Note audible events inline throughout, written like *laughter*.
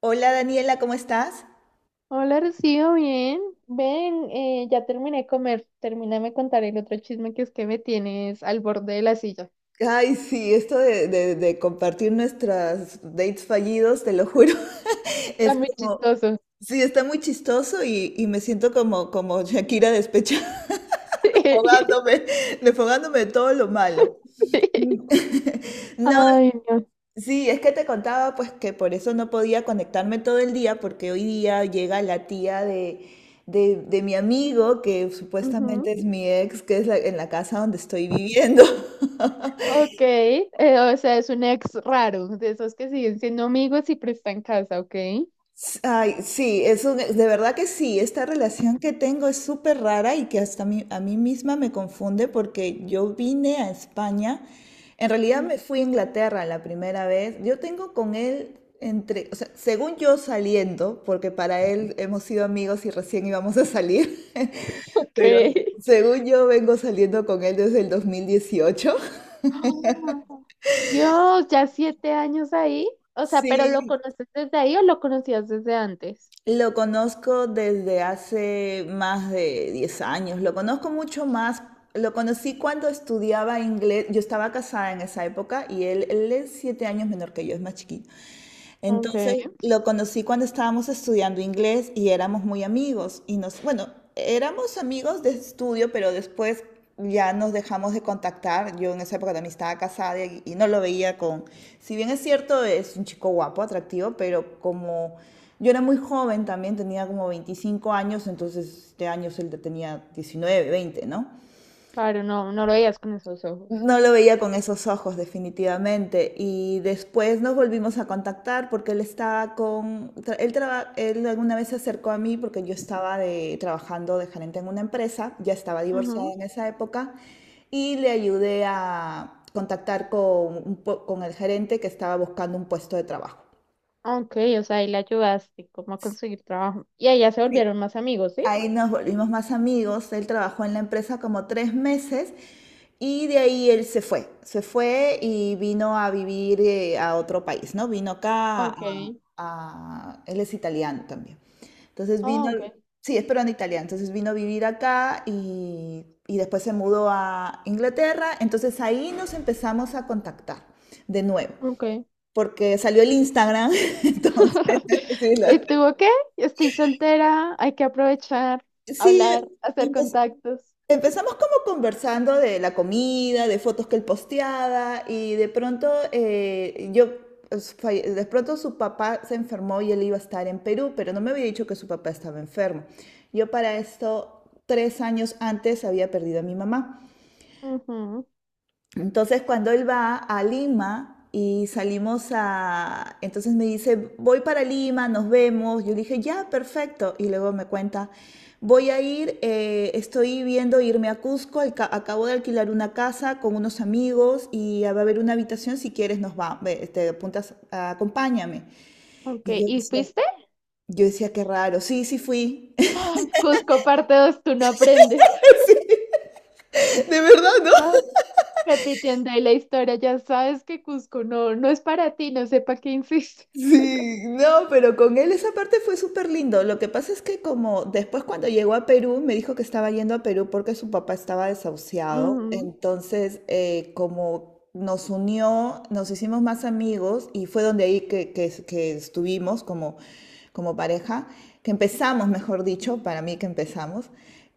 Hola Daniela, ¿cómo estás? Hola, Rocío, bien. Ven, ya terminé de comer. Termíname de contar el otro chisme que es que me tienes al borde de la silla. Ay, sí, esto de compartir nuestras dates fallidos, te lo juro, *laughs* Está es muy como, chistoso. sí, está muy chistoso y me siento como Shakira despechada, *laughs* *laughs* desfogándome, desfogándome de todo lo malo. No, Ay, no. sí, es que te contaba pues que por eso no podía conectarme todo el día, porque hoy día llega la tía de mi amigo, que Ujú. supuestamente es mi ex, que es en la casa donde estoy viviendo. *laughs* Ok, o sea, es un ex raro, de esos que siguen siendo amigos y prestan casa, ¿ok? Ay, sí, es de verdad que sí, esta relación que tengo es súper rara y que hasta a mí misma me confunde porque yo vine a España, en realidad Mm. me fui a Inglaterra la primera vez. Yo tengo con él entre, o sea, según yo saliendo, porque para él hemos sido amigos y recién íbamos a salir. *laughs* *laughs* Ok. Pero según yo vengo saliendo con él desde el 2018. Ah, Dios, ya 7 años ahí. O sea, ¿pero lo Sí, conoces desde ahí o lo conocías desde antes? lo conozco desde hace más de 10 años. Lo conozco mucho más. Lo conocí cuando estudiaba inglés. Yo estaba casada en esa época y él es 7 años menor que yo, es más chiquito. Ok, Entonces lo conocí cuando estábamos estudiando inglés y éramos muy amigos y nos, bueno, éramos amigos de estudio, pero después ya nos dejamos de contactar. Yo en esa época también estaba casada y no lo veía con, si bien es cierto, es un chico guapo, atractivo, pero como yo era muy joven también, tenía como 25 años. Entonces este año él tenía 19 veinte, ¿no? claro, no, no lo veías con esos ojos. No lo veía con esos ojos, definitivamente. Y después nos volvimos a contactar porque él estaba con, tra- él, traba- él alguna vez se acercó a mí porque yo estaba trabajando de gerente en una empresa, ya estaba divorciada en esa época, y le ayudé a contactar con, con el gerente que estaba buscando un puesto de trabajo. Ok, o sea, ahí la ayudaste como a conseguir trabajo. Y ahí ya se volvieron más amigos, ¿sí? Ahí nos volvimos más amigos. Él trabajó en la empresa como 3 meses y de ahí él se fue. Se fue y vino a vivir a otro país, ¿no? Vino acá, Ok. Él es italiano también. Entonces Ah, vino... ok. Sí, es peruano italiano. Entonces vino a vivir acá y después se mudó a Inglaterra. Entonces ahí nos empezamos a contactar de nuevo. Ok. Porque salió el Instagram, *laughs* entonces, *laughs* *laughs* sí, ¿Y tú qué? Estoy soltera, hay que aprovechar, sí, hablar, hacer contactos. empezamos como conversando de la comida, de fotos que él posteaba y de pronto yo, pues, de pronto su papá se enfermó y él iba a estar en Perú, pero no me había dicho que su papá estaba enfermo. Yo para esto, 3 años antes, había perdido a mi mamá. Ujú. Entonces, cuando él va a Lima y salimos a... Entonces me dice, voy para Lima, nos vemos. Yo le dije, ya, perfecto. Y luego me cuenta, voy a ir, estoy viendo irme a Cusco, acabo de alquilar una casa con unos amigos y va a haber una habitación, si quieres nos va, ve, te apuntas, acompáñame. Ok, Y yo ¿y decía, fuiste? yo decía, qué raro. Sí, sí fui. *laughs* ¡Ah! Cusco parte 2, tú no aprendes. *laughs* De verdad, ¿no? No, repitiendo ahí la historia, ya sabes que Cusco no, no es para ti, no sé para qué insiste. Sí, no, pero con él esa parte fue súper lindo. Lo que pasa es que como después cuando llegó a Perú me dijo que estaba yendo a Perú porque su papá estaba desahuciado. Ujú. Entonces, como nos unió, nos hicimos más amigos y fue donde ahí que estuvimos como, como pareja, que empezamos, mejor dicho, para mí que empezamos.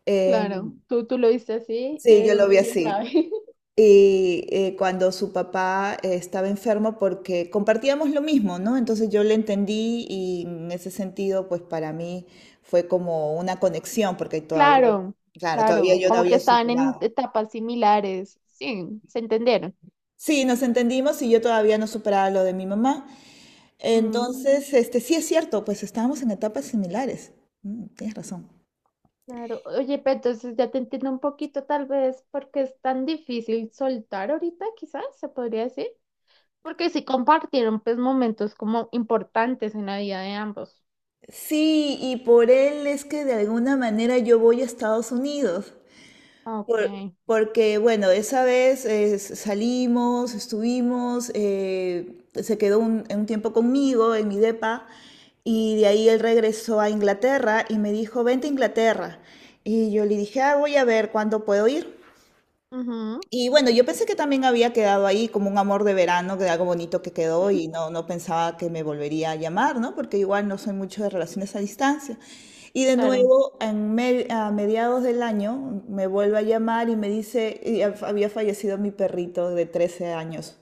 Eh, Claro, tú lo viste así, sí, yo lo él, vi quién así. sabe. *laughs* Y cuando su papá estaba enfermo, porque compartíamos lo mismo, ¿no? Entonces yo le entendí y en ese sentido, pues para mí fue como una conexión porque todavía, Claro, claro, todavía claro, yo no como que había estaban en superado. etapas similares. Sí, se entendieron. Sí, nos entendimos y yo todavía no superaba lo de mi mamá. Mm, Entonces, este, sí es cierto, pues estábamos en etapas similares. Mm, tienes razón. claro. Oye, pero entonces ya te entiendo un poquito, tal vez, porque es tan difícil soltar ahorita, quizás se podría decir. Porque sí compartieron, pues, momentos como importantes en la vida de ambos. Sí, y por él es que de alguna manera yo voy a Estados Unidos. Ok. Porque, bueno, esa vez salimos, estuvimos, se quedó un tiempo conmigo en mi depa y de ahí él regresó a Inglaterra y me dijo, vente a Inglaterra. Y yo le dije, ah, voy a ver cuándo puedo ir. Ujú, Y bueno, yo pensé que también había quedado ahí como un amor de verano, que algo bonito que quedó, y no, no pensaba que me volvería a llamar, ¿no? Porque igual no soy mucho de relaciones a distancia. Y de claro. nuevo, a mediados del año, me vuelve a llamar y me dice, y había fallecido mi perrito de 13 años.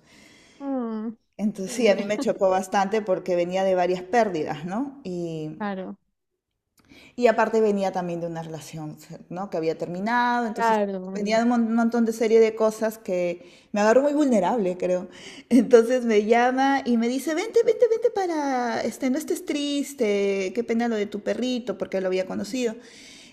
Mm. Entonces Dios sí, a mío. mí me *laughs* chocó bastante porque venía de varias pérdidas, ¿no? Y, Claro, y aparte venía también de una relación, ¿no? Que había terminado. Entonces claro. venía de un montón de serie de cosas que me agarró muy vulnerable, creo. *laughs* Entonces me llama y me dice, vente, vente, vente para, este, no estés triste, qué pena lo de tu perrito, porque lo había conocido.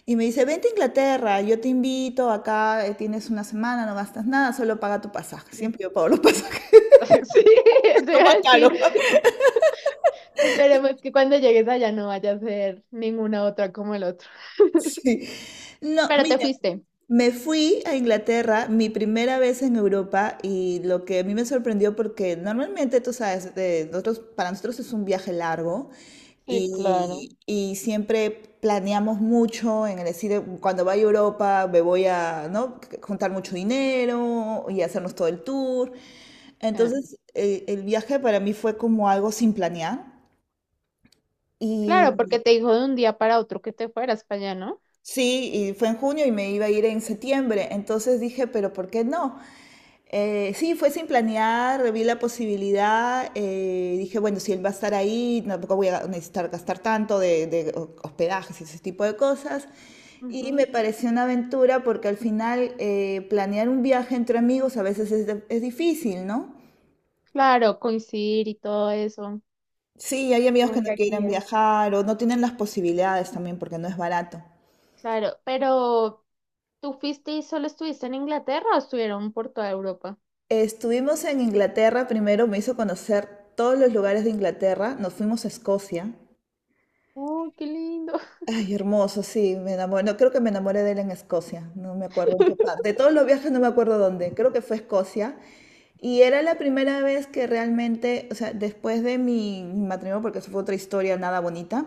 Y me dice, vente a Inglaterra, yo te invito, acá tienes una semana, no gastas nada, solo paga tu pasaje. Sí, Siempre yo pago los pasajes, *laughs* sí, *laughs* no más caro. sí. *laughs* Esperemos que cuando llegues allá no vaya a ser ninguna otra como el otro. Sí. No, Pero te mira, fuiste. me fui a Inglaterra, mi primera vez en Europa, y lo que a mí me sorprendió porque normalmente, tú sabes, de nosotros, para nosotros es un viaje largo Sí, claro. y siempre planeamos mucho en el decir, cuando vaya a Europa me voy a, ¿no?, juntar mucho dinero y hacernos todo el tour. Eh, Entonces, el viaje para mí fue como algo sin planear. claro, porque Y te dijo de un día para otro que te fueras para allá, ¿no? sí, y fue en junio y me iba a ir en septiembre. Entonces dije, pero ¿por qué no? Sí, fue sin planear, vi la posibilidad, dije, bueno, si él va a estar ahí, tampoco voy a necesitar gastar tanto de hospedajes y ese tipo de cosas. Y Ujú. me pareció una aventura porque al final planear un viaje entre amigos a veces es difícil, ¿no? Claro, coincidir y todo eso. Sí, hay amigos que Como no que aquí, quieren viajar o no tienen las posibilidades también porque no es barato. claro, pero ¿tú fuiste y solo estuviste en Inglaterra o estuvieron por toda Europa? Estuvimos en Inglaterra primero, me hizo conocer todos los lugares de Inglaterra, nos fuimos a Escocia. Oh, qué lindo. Ay, hermoso, sí, me enamoré. No, creo que me enamoré de él en Escocia, no me acuerdo en qué parte. *laughs* De todos los viajes no me acuerdo dónde, creo que fue Escocia. Y era la primera vez que realmente, o sea, después de mi matrimonio, porque eso fue otra historia nada bonita,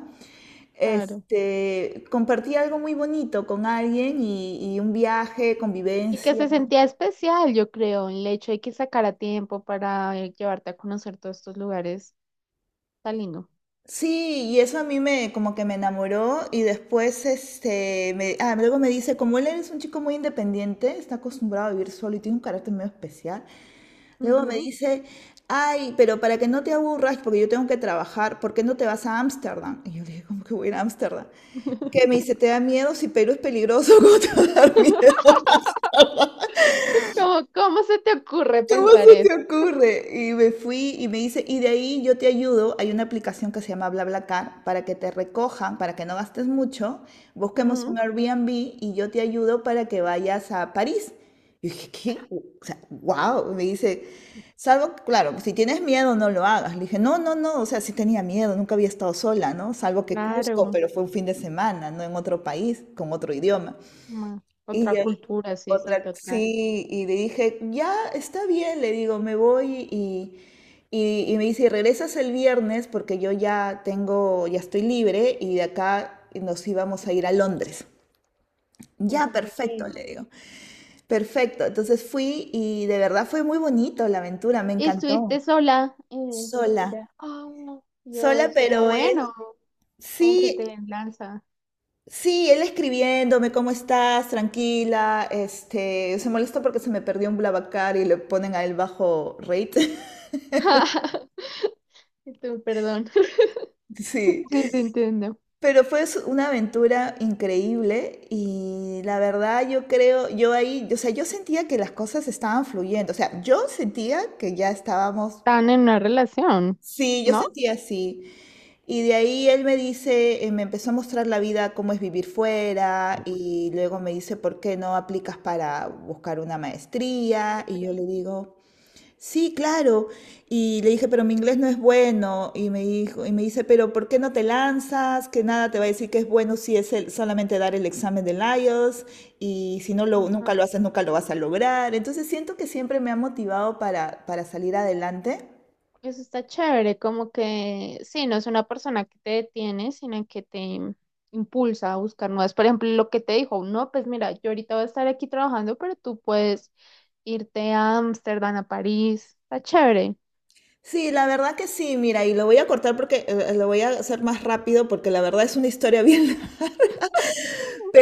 Claro. este, compartí algo muy bonito con alguien, y un viaje, Y que convivencia. se sentía especial, yo creo, el hecho de que sacara tiempo para llevarte a conocer todos estos lugares. Está lindo. Sí, y eso a mí me como que me enamoró y después este me, ah, luego me dice, como él es un chico muy independiente, está acostumbrado a vivir solo y tiene un carácter medio especial, luego me Ujú. dice, ay, pero para que no te aburras, porque yo tengo que trabajar, ¿por qué no te vas a Ámsterdam? Y yo le dije, ¿cómo que voy a ir a Ámsterdam? Que me dice, ¿te da miedo? Si Perú es peligroso, *laughs* ¿cómo te va a dar miedo? ¿Cómo, cómo se te ocurre ¿Cómo pensar se eso? te ocurre? Y me fui y me dice, y de ahí yo te ayudo, hay una aplicación que se llama BlaBlaCar para que te recojan, para que no gastes mucho, busquemos un Ujú. Airbnb y yo te ayudo para que vayas a París. Y dije, ¿qué? O sea, wow, me dice, salvo, claro, si tienes miedo no lo hagas. Le dije, no, no, no, o sea, sí tenía miedo, nunca había estado sola, ¿no? Salvo que Cusco, Claro, pero fue un fin de semana, no en otro país, con otro idioma. ma- Y otra ya. Sí, cultura, sí, sí, otra, total. sí, y le dije, ya está bien, le digo, me voy, y me dice, "Y regresas el viernes porque yo ya tengo, ya estoy libre, y de acá nos íbamos a ir a Londres." Ya, Ok. perfecto, le digo, perfecto. Entonces fui y de verdad fue muy bonito la aventura, me ¿Y encantó. estuviste sola por Sola, allá? Oh, sola, Dios, pero pero él, bueno, como que sí, te lanza. sí, él escribiéndome, ¿cómo estás? Tranquila. Este, se molesta porque se me perdió un Blablacar y le ponen a él bajo rate. *laughs* *laughs* Y tú, perdón. *laughs* Sí. Sí, te entiendo. Pero fue una aventura increíble, y la verdad yo creo, yo ahí, o sea, yo sentía que las cosas estaban fluyendo. O sea, yo sentía que ya estábamos, Están en una relación, sí, yo ¿no? sentía así. Y de ahí él me dice, me empezó a mostrar la vida, cómo es vivir fuera, y luego me dice, ¿por qué no aplicas para buscar una maestría? Y yo le digo, sí, claro. Y le dije, pero mi inglés no es bueno. Y me dice, pero ¿por qué no te lanzas? Que nada te va a decir que es bueno si es solamente dar el examen del IELTS, y si no Sí. lo, nunca lo haces, nunca lo vas a lograr. Entonces siento que siempre me ha motivado para salir adelante. Eso está chévere, como que sí, no es una persona que te detiene, sino que te impulsa a buscar nuevas. Por ejemplo, lo que te dijo, no, pues mira, yo ahorita voy a estar aquí trabajando, pero tú puedes irte a Ámsterdam, a París. Está chévere. Sí, la verdad que sí, mira, y lo voy a cortar porque lo voy a hacer más rápido porque la verdad es una historia bien, *laughs*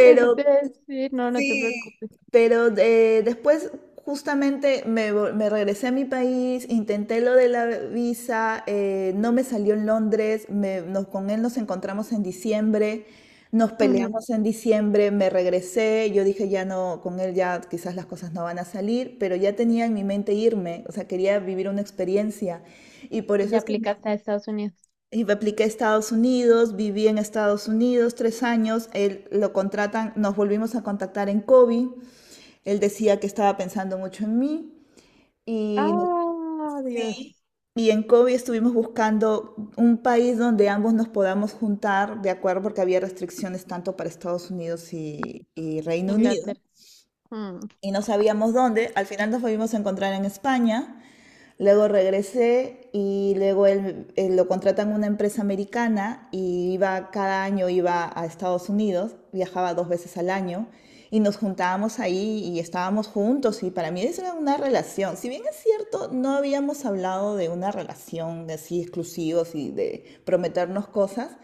Eso te iba a decir, no, no te sí, preocupes. pero después justamente me regresé a mi país, intenté lo de la visa, no me salió en Londres, con él nos encontramos en diciembre, nos Ujú. peleamos en diciembre, me regresé, yo dije ya no, con él ya quizás las cosas no van a salir, pero ya tenía en mi mente irme, o sea, quería vivir una experiencia y por Y eso ya es que me aplicaste a Estados Unidos. y me apliqué a Estados Unidos, viví en Estados Unidos 3 años, él lo contratan, nos volvimos a contactar en Kobe, él decía que estaba pensando mucho en mí y, Ah, Dios. y en Kobe estuvimos buscando un país donde ambos nos podamos juntar, de acuerdo, porque había restricciones tanto para Estados Unidos y Reino Unido Inglaterra. Mm. y no sabíamos dónde, al final nos volvimos a encontrar en España. Luego regresé y luego él lo contratan en una empresa americana y iba cada año iba a Estados Unidos, viajaba 2 veces al año y nos juntábamos ahí y estábamos juntos y para mí eso era una relación. Si bien es cierto, no habíamos hablado de una relación de así exclusivos y de prometernos cosas,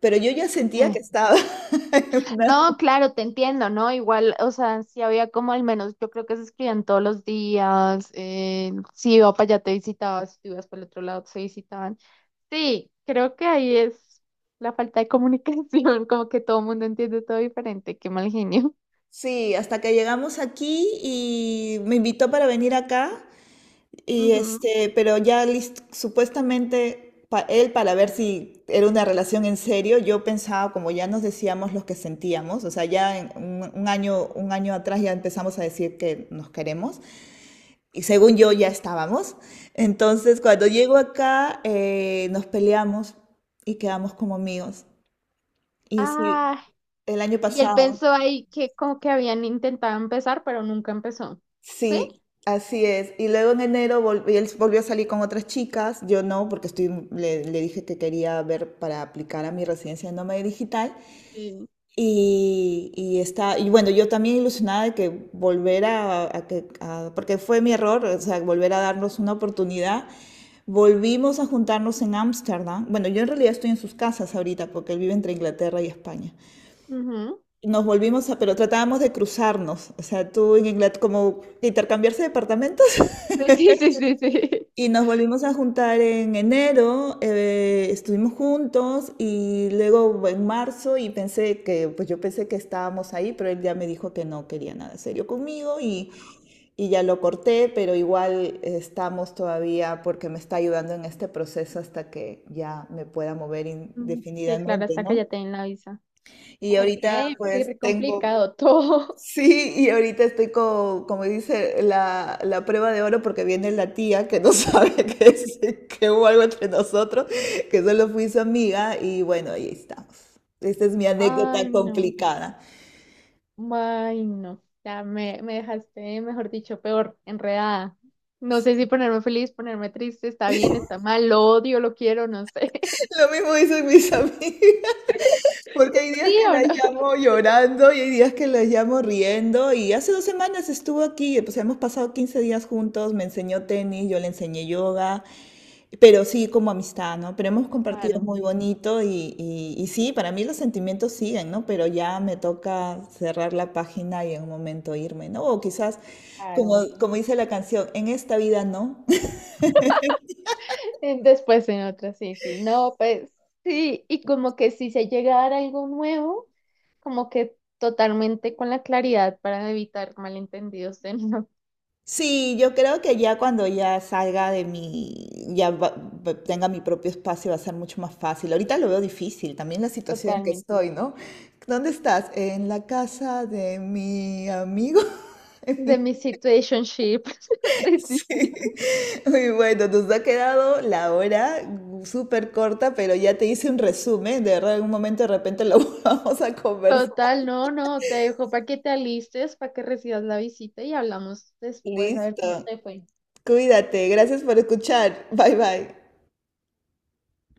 pero yo ya sentía Eh, que estaba *laughs* en una- No, claro, te entiendo, ¿no? Igual, o sea, si había como al menos, yo creo que se escribían todos los días, si iba para allá te visitaban, si tú ibas para el otro lado se visitaban. Sí, creo que ahí es la falta de comunicación, *laughs* como que todo el mundo entiende todo diferente, qué mal genio. Sí, hasta que llegamos aquí y me invitó para venir acá. Y Ujú. este, pero ya supuestamente él para ver si era una relación en serio, yo pensaba como ya nos decíamos los que sentíamos, o sea, ya en un año atrás ya empezamos a decir que nos queremos y según yo ya estábamos. Entonces, cuando llego acá, nos peleamos y quedamos como amigos. Y sí, Ah, el año y él pasado. pensó ahí que como que habían intentado empezar, pero nunca empezó. ¿Sí? Sí, así es. Y luego en enero él volvió a salir con otras chicas, yo no, porque estoy, le dije que quería ver para aplicar a mi residencia de nómada digital. Sí. Y está, y bueno, yo también ilusionada de que volver a que, a- porque fue mi error, o sea, volver a darnos una oportunidad. Volvimos a juntarnos en Ámsterdam. Bueno, yo en realidad estoy en sus casas ahorita porque él vive entre Inglaterra y España. Ujú. *laughs* Nos volvimos a, pero tratábamos de cruzarnos, o sea, tú en Inglaterra, como de intercambiarse departamentos. Sí, sí, sí, sí. *laughs* Y nos volvimos a juntar en enero, estuvimos juntos y luego en marzo y pensé que, pues yo pensé que estábamos ahí, pero él ya me dijo que no quería nada serio conmigo y ya lo corté, pero igual estamos todavía porque me está ayudando en este proceso hasta que ya me pueda mover Mm, sí, claro, indefinidamente, hasta que ¿no? ya te den la visa. Y Ok, ahorita qué pues re tengo, complicado todo. sí, y ahorita estoy como dice, la prueba de oro porque viene la tía que no *laughs* sabe que, que hubo algo entre nosotros, que solo fui su amiga y bueno, ahí estamos. Esta es mi *laughs* Ay, anécdota no. complicada. Ay, no. Ya me dejaste, mejor dicho, peor, enredada. No sé si ponerme feliz, ponerme triste, está bien, está mal, lo odio, lo quiero, no sé. *laughs* Lo mismo dicen mis *laughs* amigos. Porque hay *laughs* días ¿Sí que o las no? llamo llorando y hay días que las llamo riendo. Y hace dos semanas estuvo aquí, pues hemos pasado 15 días juntos, me enseñó tenis, yo le enseñé yoga, pero sí como amistad, ¿no? Pero hemos compartido Claro, muy bonito y sí, para mí los sentimientos siguen, ¿no? Pero ya me toca cerrar la página y en un momento irme, ¿no? O quizás, como, claro. como dice la canción, en esta vida no, Después en otra, sí, sí. No, pues sí. Y como que si se llega a dar algo nuevo, como que totalmente con la claridad para evitar malentendidos de no. sí, yo creo que ya cuando ya salga de mi, ya va- tenga mi propio espacio va a ser mucho más fácil. Ahorita lo veo difícil, también la *laughs* situación en que Totalmente. estoy, ¿no? ¿Dónde estás? En la casa de mi amigo. *laughs* De mi situationship. *laughs* Sí. Muy bueno, nos ha quedado la hora súper corta, pero ya te hice un resumen. De verdad, en un momento de repente lo *laughs* vamos a conversar. Total, no, no, te dejo para que te alistes, para que recibas la visita y hablamos después a ver cómo Listo. te fue. Cuídate. Gracias por escuchar. Bye bye.